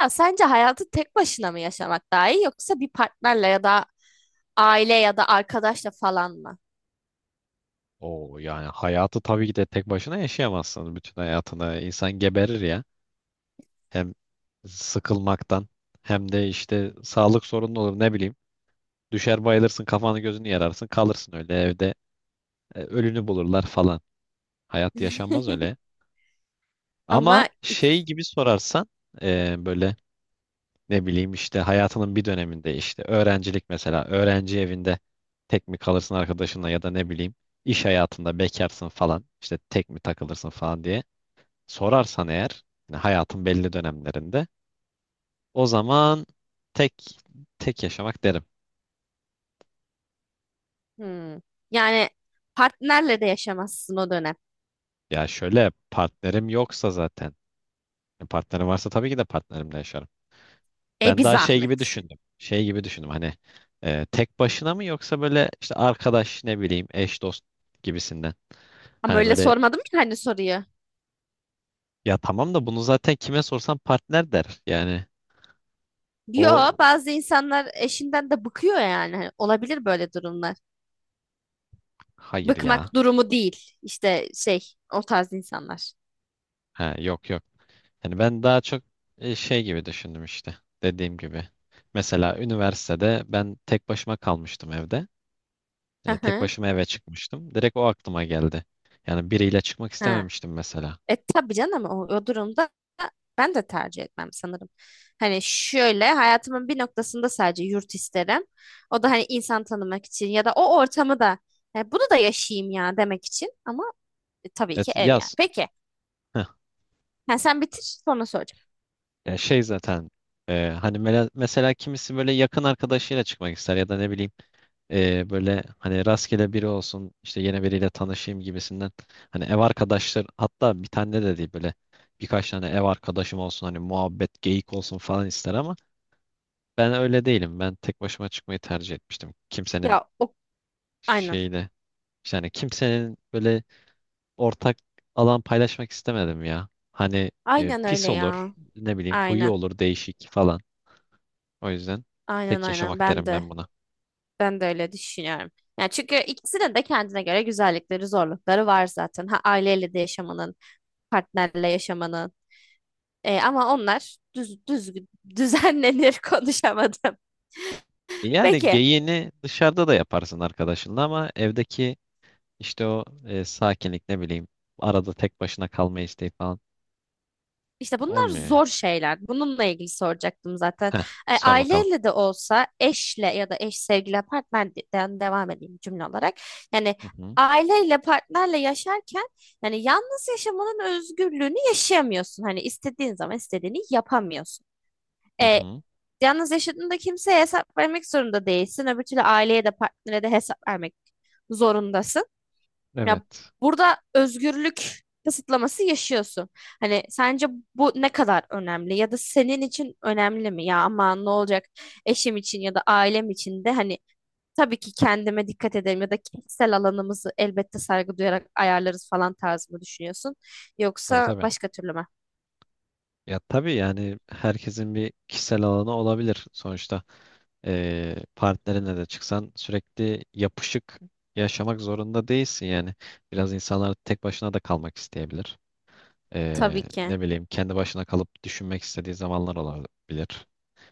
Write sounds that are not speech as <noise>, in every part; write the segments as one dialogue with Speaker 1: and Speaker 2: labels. Speaker 1: Ya sence hayatı tek başına mı yaşamak daha iyi yoksa bir partnerle ya da aile ya da arkadaşla falan mı?
Speaker 2: Oo yani hayatı tabii ki de tek başına yaşayamazsın. Bütün hayatını insan geberir ya. Hem sıkılmaktan hem de işte sağlık sorunu olur ne bileyim. Düşer bayılırsın kafanı gözünü yararsın kalırsın öyle evde, ölünü bulurlar falan. Hayat yaşanmaz
Speaker 1: <laughs>
Speaker 2: öyle. Ama
Speaker 1: Ama
Speaker 2: şey
Speaker 1: ik-
Speaker 2: gibi sorarsan böyle ne bileyim işte hayatının bir döneminde işte öğrencilik mesela öğrenci evinde tek mi kalırsın arkadaşınla ya da ne bileyim iş hayatında bekarsın falan işte tek mi takılırsın falan diye sorarsan eğer yani hayatın belli dönemlerinde o zaman tek tek yaşamak derim.
Speaker 1: Hmm. Yani partnerle de yaşamazsın o dönem.
Speaker 2: Ya şöyle partnerim yoksa zaten yani partnerim varsa tabii ki de partnerimle yaşarım.
Speaker 1: E
Speaker 2: Ben
Speaker 1: bir
Speaker 2: daha şey gibi
Speaker 1: zahmet.
Speaker 2: düşündüm. Şey gibi düşündüm hani tek başına mı yoksa böyle işte arkadaş ne bileyim eş dost gibisinden.
Speaker 1: Ama
Speaker 2: Hani
Speaker 1: öyle
Speaker 2: böyle
Speaker 1: sormadım ya hani soruyu.
Speaker 2: ya tamam da bunu zaten kime sorsan partner der. Yani
Speaker 1: Yo,
Speaker 2: o
Speaker 1: bazı insanlar eşinden de bıkıyor yani. Hani olabilir böyle durumlar.
Speaker 2: hayır ya.
Speaker 1: Bıkmak durumu değil. İşte şey o tarz insanlar.
Speaker 2: Ha, yok yok. Hani ben daha çok şey gibi düşündüm işte dediğim gibi. Mesela üniversitede ben tek başıma kalmıştım evde.
Speaker 1: Hı
Speaker 2: Tek
Speaker 1: hı.
Speaker 2: başıma eve çıkmıştım. Direkt o aklıma geldi. Yani biriyle çıkmak
Speaker 1: Ha.
Speaker 2: istememiştim mesela.
Speaker 1: E tabii canım o durumda ben de tercih etmem sanırım. Hani şöyle hayatımın bir noktasında sadece yurt isterim. O da hani insan tanımak için ya da o ortamı da "E, bunu da yaşayayım ya demek için ama tabii ki
Speaker 2: Evet
Speaker 1: ev yani.
Speaker 2: yaz.
Speaker 1: Peki
Speaker 2: Heh.
Speaker 1: ha, sen bitir sonra soracağım.
Speaker 2: Ya şey zaten hani mesela kimisi böyle yakın arkadaşıyla çıkmak ister ya da ne bileyim böyle hani rastgele biri olsun işte yine biriyle tanışayım gibisinden hani ev arkadaşlar hatta bir tane de değil böyle birkaç tane ev arkadaşım olsun hani muhabbet geyik olsun falan ister ama ben öyle değilim, ben tek başıma çıkmayı tercih etmiştim, kimsenin
Speaker 1: Ya o Aynen.
Speaker 2: şeyle yani kimsenin böyle ortak alan paylaşmak istemedim ya hani
Speaker 1: Aynen öyle
Speaker 2: pis olur
Speaker 1: ya.
Speaker 2: ne bileyim huyu
Speaker 1: Aynen.
Speaker 2: olur değişik falan, o yüzden
Speaker 1: Aynen
Speaker 2: tek
Speaker 1: aynen
Speaker 2: yaşamak
Speaker 1: ben
Speaker 2: derim
Speaker 1: de
Speaker 2: ben buna.
Speaker 1: ben de öyle düşünüyorum. Yani çünkü ikisinin de kendine göre güzellikleri, zorlukları var zaten. Ha aileyle de yaşamanın, partnerle yaşamanın. E, ama onlar düzenlenir <laughs> konuşamadım.
Speaker 2: Yani
Speaker 1: Peki
Speaker 2: geyiğini dışarıda da yaparsın arkadaşınla ama evdeki işte o sakinlik ne bileyim arada tek başına kalma isteği falan
Speaker 1: işte bunlar
Speaker 2: olmuyor ya.
Speaker 1: zor şeyler. Bununla ilgili soracaktım zaten.
Speaker 2: Heh,
Speaker 1: E,
Speaker 2: sor bakalım.
Speaker 1: aileyle de olsa eşle ya da eş sevgili partnerden devam edeyim cümle olarak. Yani
Speaker 2: Hı hı,
Speaker 1: aileyle partnerle yaşarken yani yalnız yaşamanın özgürlüğünü yaşayamıyorsun. Hani istediğin zaman istediğini yapamıyorsun.
Speaker 2: hı
Speaker 1: E,
Speaker 2: hı.
Speaker 1: yalnız yaşadığında kimseye hesap vermek zorunda değilsin. Öbür türlü aileye de partnere de hesap vermek zorundasın. Ya,
Speaker 2: Evet.
Speaker 1: burada özgürlük kısıtlaması yaşıyorsun. Hani sence bu ne kadar önemli ya da senin için önemli mi? Ya aman ne olacak, eşim için ya da ailem için de hani tabii ki kendime dikkat ederim ya da kişisel alanımızı elbette saygı duyarak ayarlarız falan tarzı mı düşünüyorsun?
Speaker 2: Tabii
Speaker 1: Yoksa
Speaker 2: tabii.
Speaker 1: başka türlü mü?
Speaker 2: Ya tabii yani herkesin bir kişisel alanı olabilir sonuçta. Partnerinle de çıksan sürekli yapışık yaşamak zorunda değilsin yani. Biraz insanlar tek başına da kalmak isteyebilir. E,
Speaker 1: Tabii ki.
Speaker 2: Ne bileyim kendi başına kalıp düşünmek istediği zamanlar olabilir.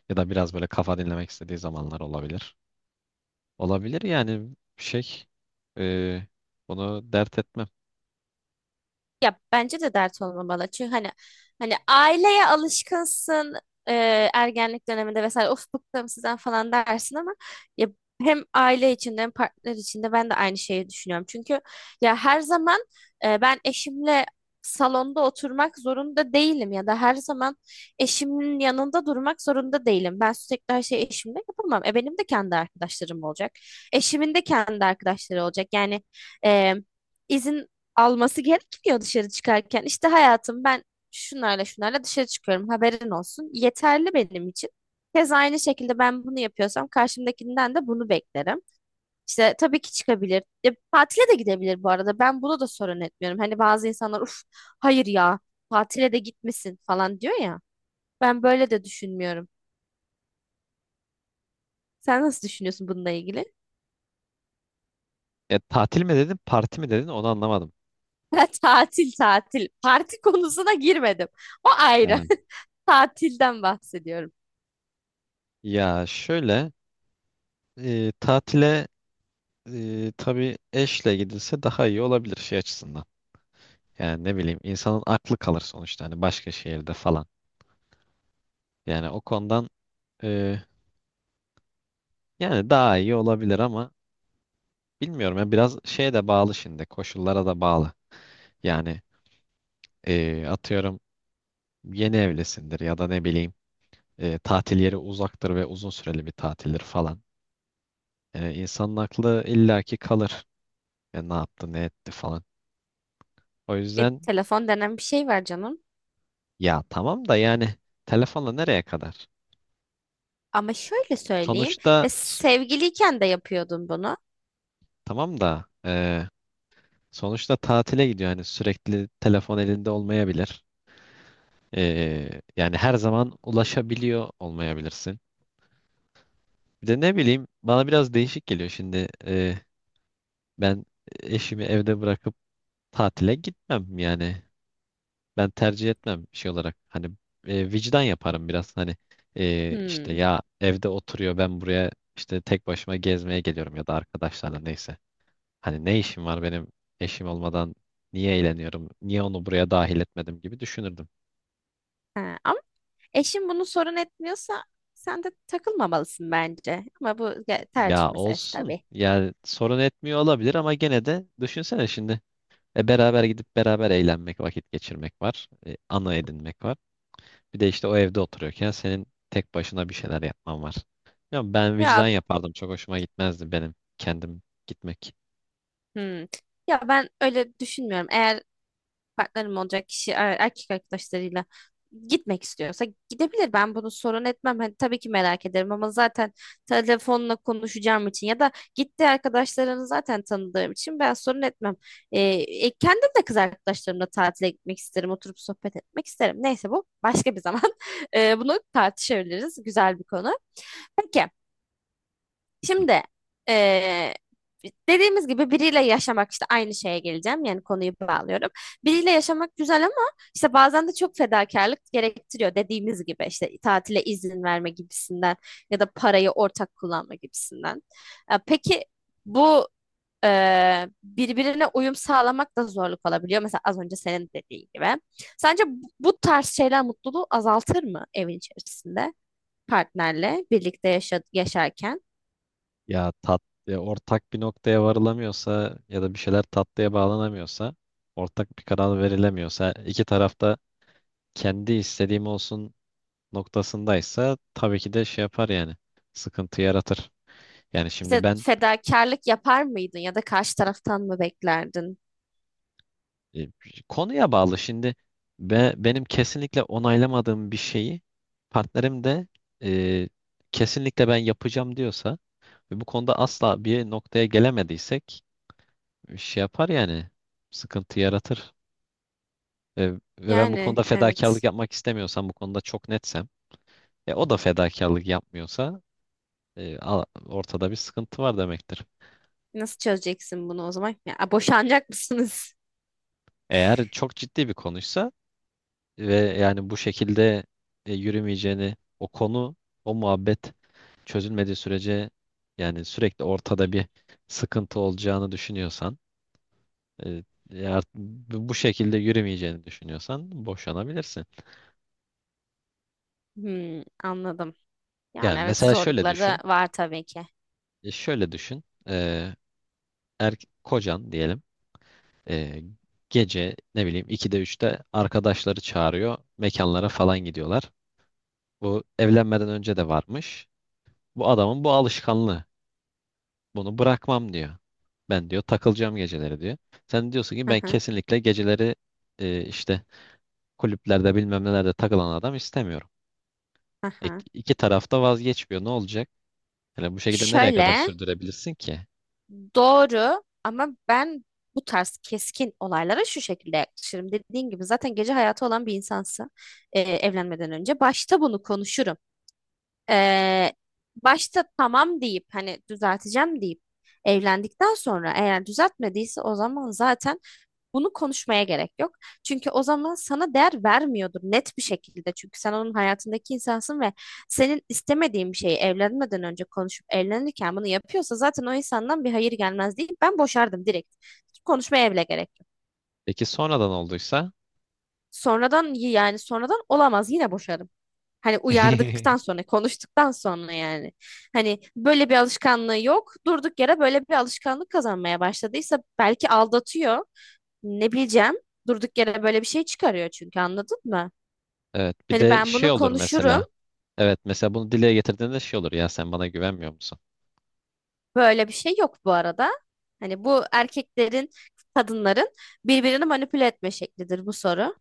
Speaker 2: Ya da biraz böyle kafa dinlemek istediği zamanlar olabilir. Olabilir yani şey e, bunu dert etmem.
Speaker 1: Ya bence de dert olmamalı. Çünkü hani aileye alışkınsın, e, ergenlik döneminde vesaire of bıktım sizden falan dersin ama ya hem aile içinde hem partner içinde ben de aynı şeyi düşünüyorum. Çünkü ya her zaman ben eşimle salonda oturmak zorunda değilim ya da her zaman eşimin yanında durmak zorunda değilim. Ben sürekli her şeyi eşimle yapamam. E, benim de kendi arkadaşlarım olacak. Eşimin de kendi arkadaşları olacak. Yani e, izin alması gerekmiyor dışarı çıkarken. İşte hayatım, ben şunlarla şunlarla dışarı çıkıyorum, haberin olsun. Yeterli benim için. Keza aynı şekilde ben bunu yapıyorsam karşımdakinden de bunu beklerim. İşte tabii ki çıkabilir. E, tatile de gidebilir bu arada. Ben buna da sorun etmiyorum. Hani bazı insanlar uf, hayır ya, tatile de gitmesin falan diyor ya. Ben böyle de düşünmüyorum. Sen nasıl düşünüyorsun bununla ilgili? <laughs>
Speaker 2: Tatil mi dedin parti mi dedin onu anlamadım.
Speaker 1: Ben tatil tatil. Parti konusuna girmedim. O ayrı.
Speaker 2: He.
Speaker 1: <laughs> Tatilden bahsediyorum.
Speaker 2: Ya şöyle tatile tabii eşle gidilse daha iyi olabilir şey açısından. Yani ne bileyim insanın aklı kalır sonuçta hani başka şehirde falan. Yani o konudan e, yani daha iyi olabilir ama bilmiyorum ya biraz şeye de bağlı şimdi, koşullara da bağlı. Yani atıyorum yeni evlisindir ya da ne bileyim tatil yeri uzaktır ve uzun süreli bir tatildir falan. Yani insanın aklı illaki kalır. Ya ne yaptı ne etti falan. O
Speaker 1: E,
Speaker 2: yüzden
Speaker 1: telefon denen bir şey var canım.
Speaker 2: ya tamam da yani telefonla nereye kadar?
Speaker 1: Ama şöyle söyleyeyim.
Speaker 2: Sonuçta
Speaker 1: E, sevgiliyken de yapıyordun bunu.
Speaker 2: tamam da sonuçta tatile gidiyor. Yani sürekli telefon elinde olmayabilir. Yani her zaman ulaşabiliyor olmayabilirsin. Bir de ne bileyim bana biraz değişik geliyor şimdi. Ben eşimi evde bırakıp tatile gitmem yani. Ben tercih etmem şey olarak. Hani vicdan yaparım biraz. Hani işte
Speaker 1: Hmm.
Speaker 2: ya evde oturuyor, ben buraya işte tek başıma gezmeye geliyorum ya da arkadaşlarla neyse. Hani ne işim var benim eşim olmadan, niye eğleniyorum? Niye onu buraya dahil etmedim gibi düşünürdüm.
Speaker 1: Ha, ama eşin bunu sorun etmiyorsa sen de takılmamalısın bence. Ama bu tercih
Speaker 2: Ya
Speaker 1: meselesi
Speaker 2: olsun.
Speaker 1: tabii.
Speaker 2: Yani sorun etmiyor olabilir ama gene de düşünsene şimdi. Beraber gidip beraber eğlenmek, vakit geçirmek var. Ana edinmek var. Bir de işte o evde oturuyorken senin tek başına bir şeyler yapman var. Ya ben
Speaker 1: Ya,
Speaker 2: vicdan yapardım. Çok hoşuma gitmezdi benim kendim gitmek.
Speaker 1: hmm. Ya ben öyle düşünmüyorum. Eğer partnerim olacak kişi erkek arkadaşlarıyla gitmek istiyorsa gidebilir. Ben bunu sorun etmem. Hani tabii ki merak ederim ama zaten telefonla konuşacağım için ya da gitti arkadaşlarını zaten tanıdığım için ben sorun etmem. E, Kendim de kız arkadaşlarımla tatile gitmek isterim. Oturup sohbet etmek isterim. Neyse bu başka bir zaman. <laughs> E, bunu tartışabiliriz. Güzel bir konu. Peki. Şimdi eee, dediğimiz gibi biriyle yaşamak işte aynı şeye geleceğim. Yani konuyu bağlıyorum. Biriyle yaşamak güzel ama işte bazen de çok fedakarlık gerektiriyor. Dediğimiz gibi işte tatile izin verme gibisinden ya da parayı ortak kullanma gibisinden. E, peki bu birbirine uyum sağlamak da zorluk olabiliyor. Mesela az önce senin dediğin gibi. Sence bu tarz şeyler mutluluğu azaltır mı evin içerisinde partnerle birlikte yaşarken?
Speaker 2: Ya ya ortak bir noktaya varılamıyorsa ya da bir şeyler tatlıya bağlanamıyorsa, ortak bir karar verilemiyorsa, iki tarafta kendi istediğim olsun noktasındaysa tabii ki de şey yapar yani. Sıkıntı yaratır. Yani şimdi
Speaker 1: İşte
Speaker 2: ben
Speaker 1: fedakarlık yapar mıydın ya da karşı taraftan mı beklerdin?
Speaker 2: e, konuya bağlı. Şimdi benim kesinlikle onaylamadığım bir şeyi partnerim de e, kesinlikle ben yapacağım diyorsa ve bu konuda asla bir noktaya gelemediysek şey yapar yani. Sıkıntı yaratır. E, Ve ben bu
Speaker 1: Yani
Speaker 2: konuda fedakarlık
Speaker 1: evet.
Speaker 2: yapmak istemiyorsam, bu konuda çok netsem, o da fedakarlık yapmıyorsa ortada bir sıkıntı var demektir.
Speaker 1: Nasıl çözeceksin bunu o zaman? Ya, boşanacak mısınız? <laughs>
Speaker 2: Eğer çok ciddi bir konuysa ve yani bu şekilde yürümeyeceğini, o konu o muhabbet çözülmediği sürece yani sürekli ortada bir sıkıntı olacağını düşünüyorsan e, ya bu şekilde yürümeyeceğini düşünüyorsan boşanabilirsin.
Speaker 1: Hmm, anladım. Yani
Speaker 2: Yani
Speaker 1: evet,
Speaker 2: mesela şöyle
Speaker 1: zorlukları da
Speaker 2: düşün
Speaker 1: var tabii ki.
Speaker 2: şöyle düşün er, kocan diyelim e, gece ne bileyim 2'de 3'te arkadaşları çağırıyor, mekanlara falan gidiyorlar. Bu evlenmeden önce de varmış. Bu adamın bu alışkanlığı. Bunu bırakmam diyor. Ben diyor takılacağım geceleri diyor. Sen diyorsun ki
Speaker 1: Hı
Speaker 2: ben
Speaker 1: hı,
Speaker 2: kesinlikle geceleri işte kulüplerde bilmem nelerde takılan adam istemiyorum.
Speaker 1: hı
Speaker 2: E,
Speaker 1: hı.
Speaker 2: iki taraf da vazgeçmiyor. Ne olacak? Yani bu şekilde nereye kadar
Speaker 1: Şöyle
Speaker 2: sürdürebilirsin ki?
Speaker 1: doğru ama ben bu tarz keskin olaylara şu şekilde yaklaşırım. Dediğin gibi zaten gece hayatı olan bir insansa evlenmeden önce başta bunu konuşurum. Ee, Başta tamam deyip hani düzelteceğim deyip evlendikten sonra eğer düzeltmediyse o zaman zaten bunu konuşmaya gerek yok. Çünkü o zaman sana değer vermiyordur net bir şekilde. Çünkü sen onun hayatındaki insansın ve senin istemediğin bir şeyi evlenmeden önce konuşup evlenirken bunu yapıyorsa zaten o insandan bir hayır gelmez değil. Ben boşardım direkt. Hiç konuşmaya bile gerek yok.
Speaker 2: Peki sonradan olduysa?
Speaker 1: Sonradan yani sonradan olamaz, yine boşarım. Hani uyardıktan
Speaker 2: <laughs>
Speaker 1: sonra, konuştuktan sonra yani. Hani böyle bir alışkanlığı yok. Durduk yere böyle bir alışkanlık kazanmaya başladıysa belki aldatıyor. Ne bileceğim. Durduk yere böyle bir şey çıkarıyor çünkü, anladın mı?
Speaker 2: Evet bir
Speaker 1: Hani
Speaker 2: de
Speaker 1: ben
Speaker 2: şey
Speaker 1: bunu
Speaker 2: olur
Speaker 1: konuşurum.
Speaker 2: mesela. Evet mesela bunu dile getirdiğinde şey olur. Ya sen bana güvenmiyor musun?
Speaker 1: Böyle bir şey yok bu arada. Hani bu erkeklerin, kadınların birbirini manipüle etme şeklidir bu soru.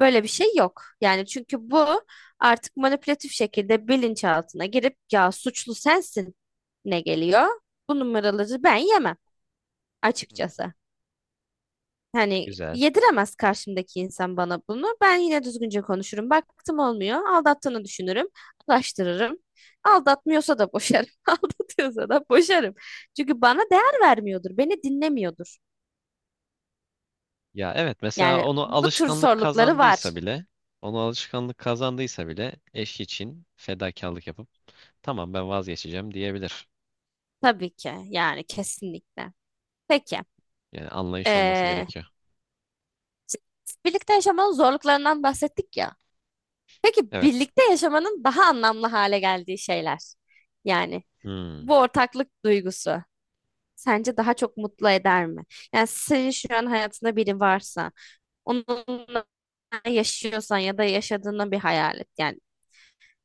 Speaker 1: Böyle bir şey yok. Yani çünkü bu artık manipülatif şekilde bilinçaltına girip ya suçlu sensin ne geliyor? Bu numaraları ben yemem
Speaker 2: Hı.
Speaker 1: açıkçası. Hani
Speaker 2: Güzel.
Speaker 1: yediremez karşımdaki insan bana bunu. Ben yine düzgünce konuşurum. Baktım olmuyor. Aldattığını düşünürüm. Ulaştırırım. Aldatmıyorsa da boşarım. <laughs> Aldatıyorsa da boşarım. Çünkü bana değer vermiyordur. Beni dinlemiyordur.
Speaker 2: Ya evet mesela
Speaker 1: Yani
Speaker 2: onu
Speaker 1: bu tür
Speaker 2: alışkanlık
Speaker 1: sorulukları var.
Speaker 2: kazandıysa bile, onu alışkanlık kazandıysa bile eş için fedakarlık yapıp tamam ben vazgeçeceğim diyebilir.
Speaker 1: Tabii ki. Yani kesinlikle. Peki.
Speaker 2: Yani anlayış olması
Speaker 1: Ee,
Speaker 2: gerekiyor.
Speaker 1: Birlikte yaşamanın zorluklarından bahsettik ya. Peki
Speaker 2: Evet.
Speaker 1: birlikte yaşamanın daha anlamlı hale geldiği şeyler. Yani
Speaker 2: Hmm.
Speaker 1: bu ortaklık duygusu sence daha çok mutlu eder mi? Yani senin şu an hayatında biri varsa, onunla yaşıyorsan ya da yaşadığını bir hayal et. Yani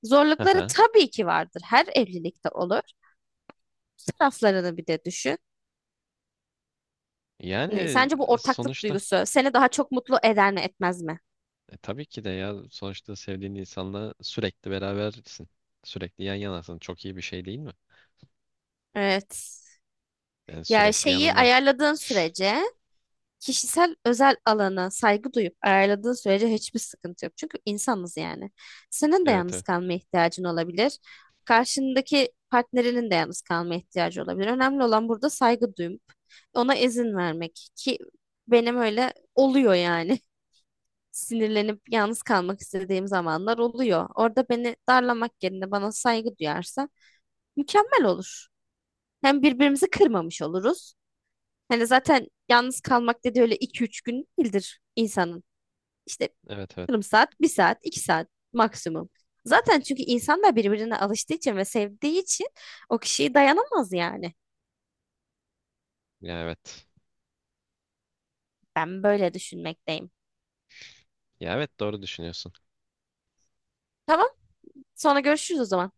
Speaker 1: zorlukları
Speaker 2: Aha.
Speaker 1: tabii ki vardır. Her evlilikte olur. Taraflarını bir de düşün. Yani
Speaker 2: Yani
Speaker 1: sence bu ortaklık
Speaker 2: sonuçta
Speaker 1: duygusu seni daha çok mutlu eder mi, etmez mi?
Speaker 2: Tabii ki de ya sonuçta sevdiğin insanla sürekli berabersin. Sürekli yan yanasın. Çok iyi bir şey değil mi?
Speaker 1: Evet.
Speaker 2: Yani
Speaker 1: Ya
Speaker 2: sürekli
Speaker 1: şeyi
Speaker 2: yanında.
Speaker 1: ayarladığın sürece kişisel özel alana saygı duyup ayarladığın sürece hiçbir sıkıntı yok. Çünkü insanız yani. Senin de
Speaker 2: Evet
Speaker 1: yalnız
Speaker 2: evet.
Speaker 1: kalmaya ihtiyacın olabilir. Karşındaki partnerinin de yalnız kalmaya ihtiyacı olabilir. Önemli olan burada saygı duyup ona izin vermek ki benim öyle oluyor yani. <laughs> Sinirlenip yalnız kalmak istediğim zamanlar oluyor. Orada beni darlamak yerine bana saygı duyarsa mükemmel olur. Hem birbirimizi kırmamış oluruz. Hani zaten yalnız kalmak dedi öyle iki üç gün değildir insanın. İşte
Speaker 2: Evet evet.
Speaker 1: yarım saat, bir saat, iki saat maksimum. Zaten çünkü insanlar birbirine alıştığı için ve sevdiği için o kişiyi dayanamaz yani.
Speaker 2: Ya evet.
Speaker 1: Ben böyle düşünmekteyim.
Speaker 2: Ya evet doğru düşünüyorsun.
Speaker 1: Tamam, sonra görüşürüz o zaman.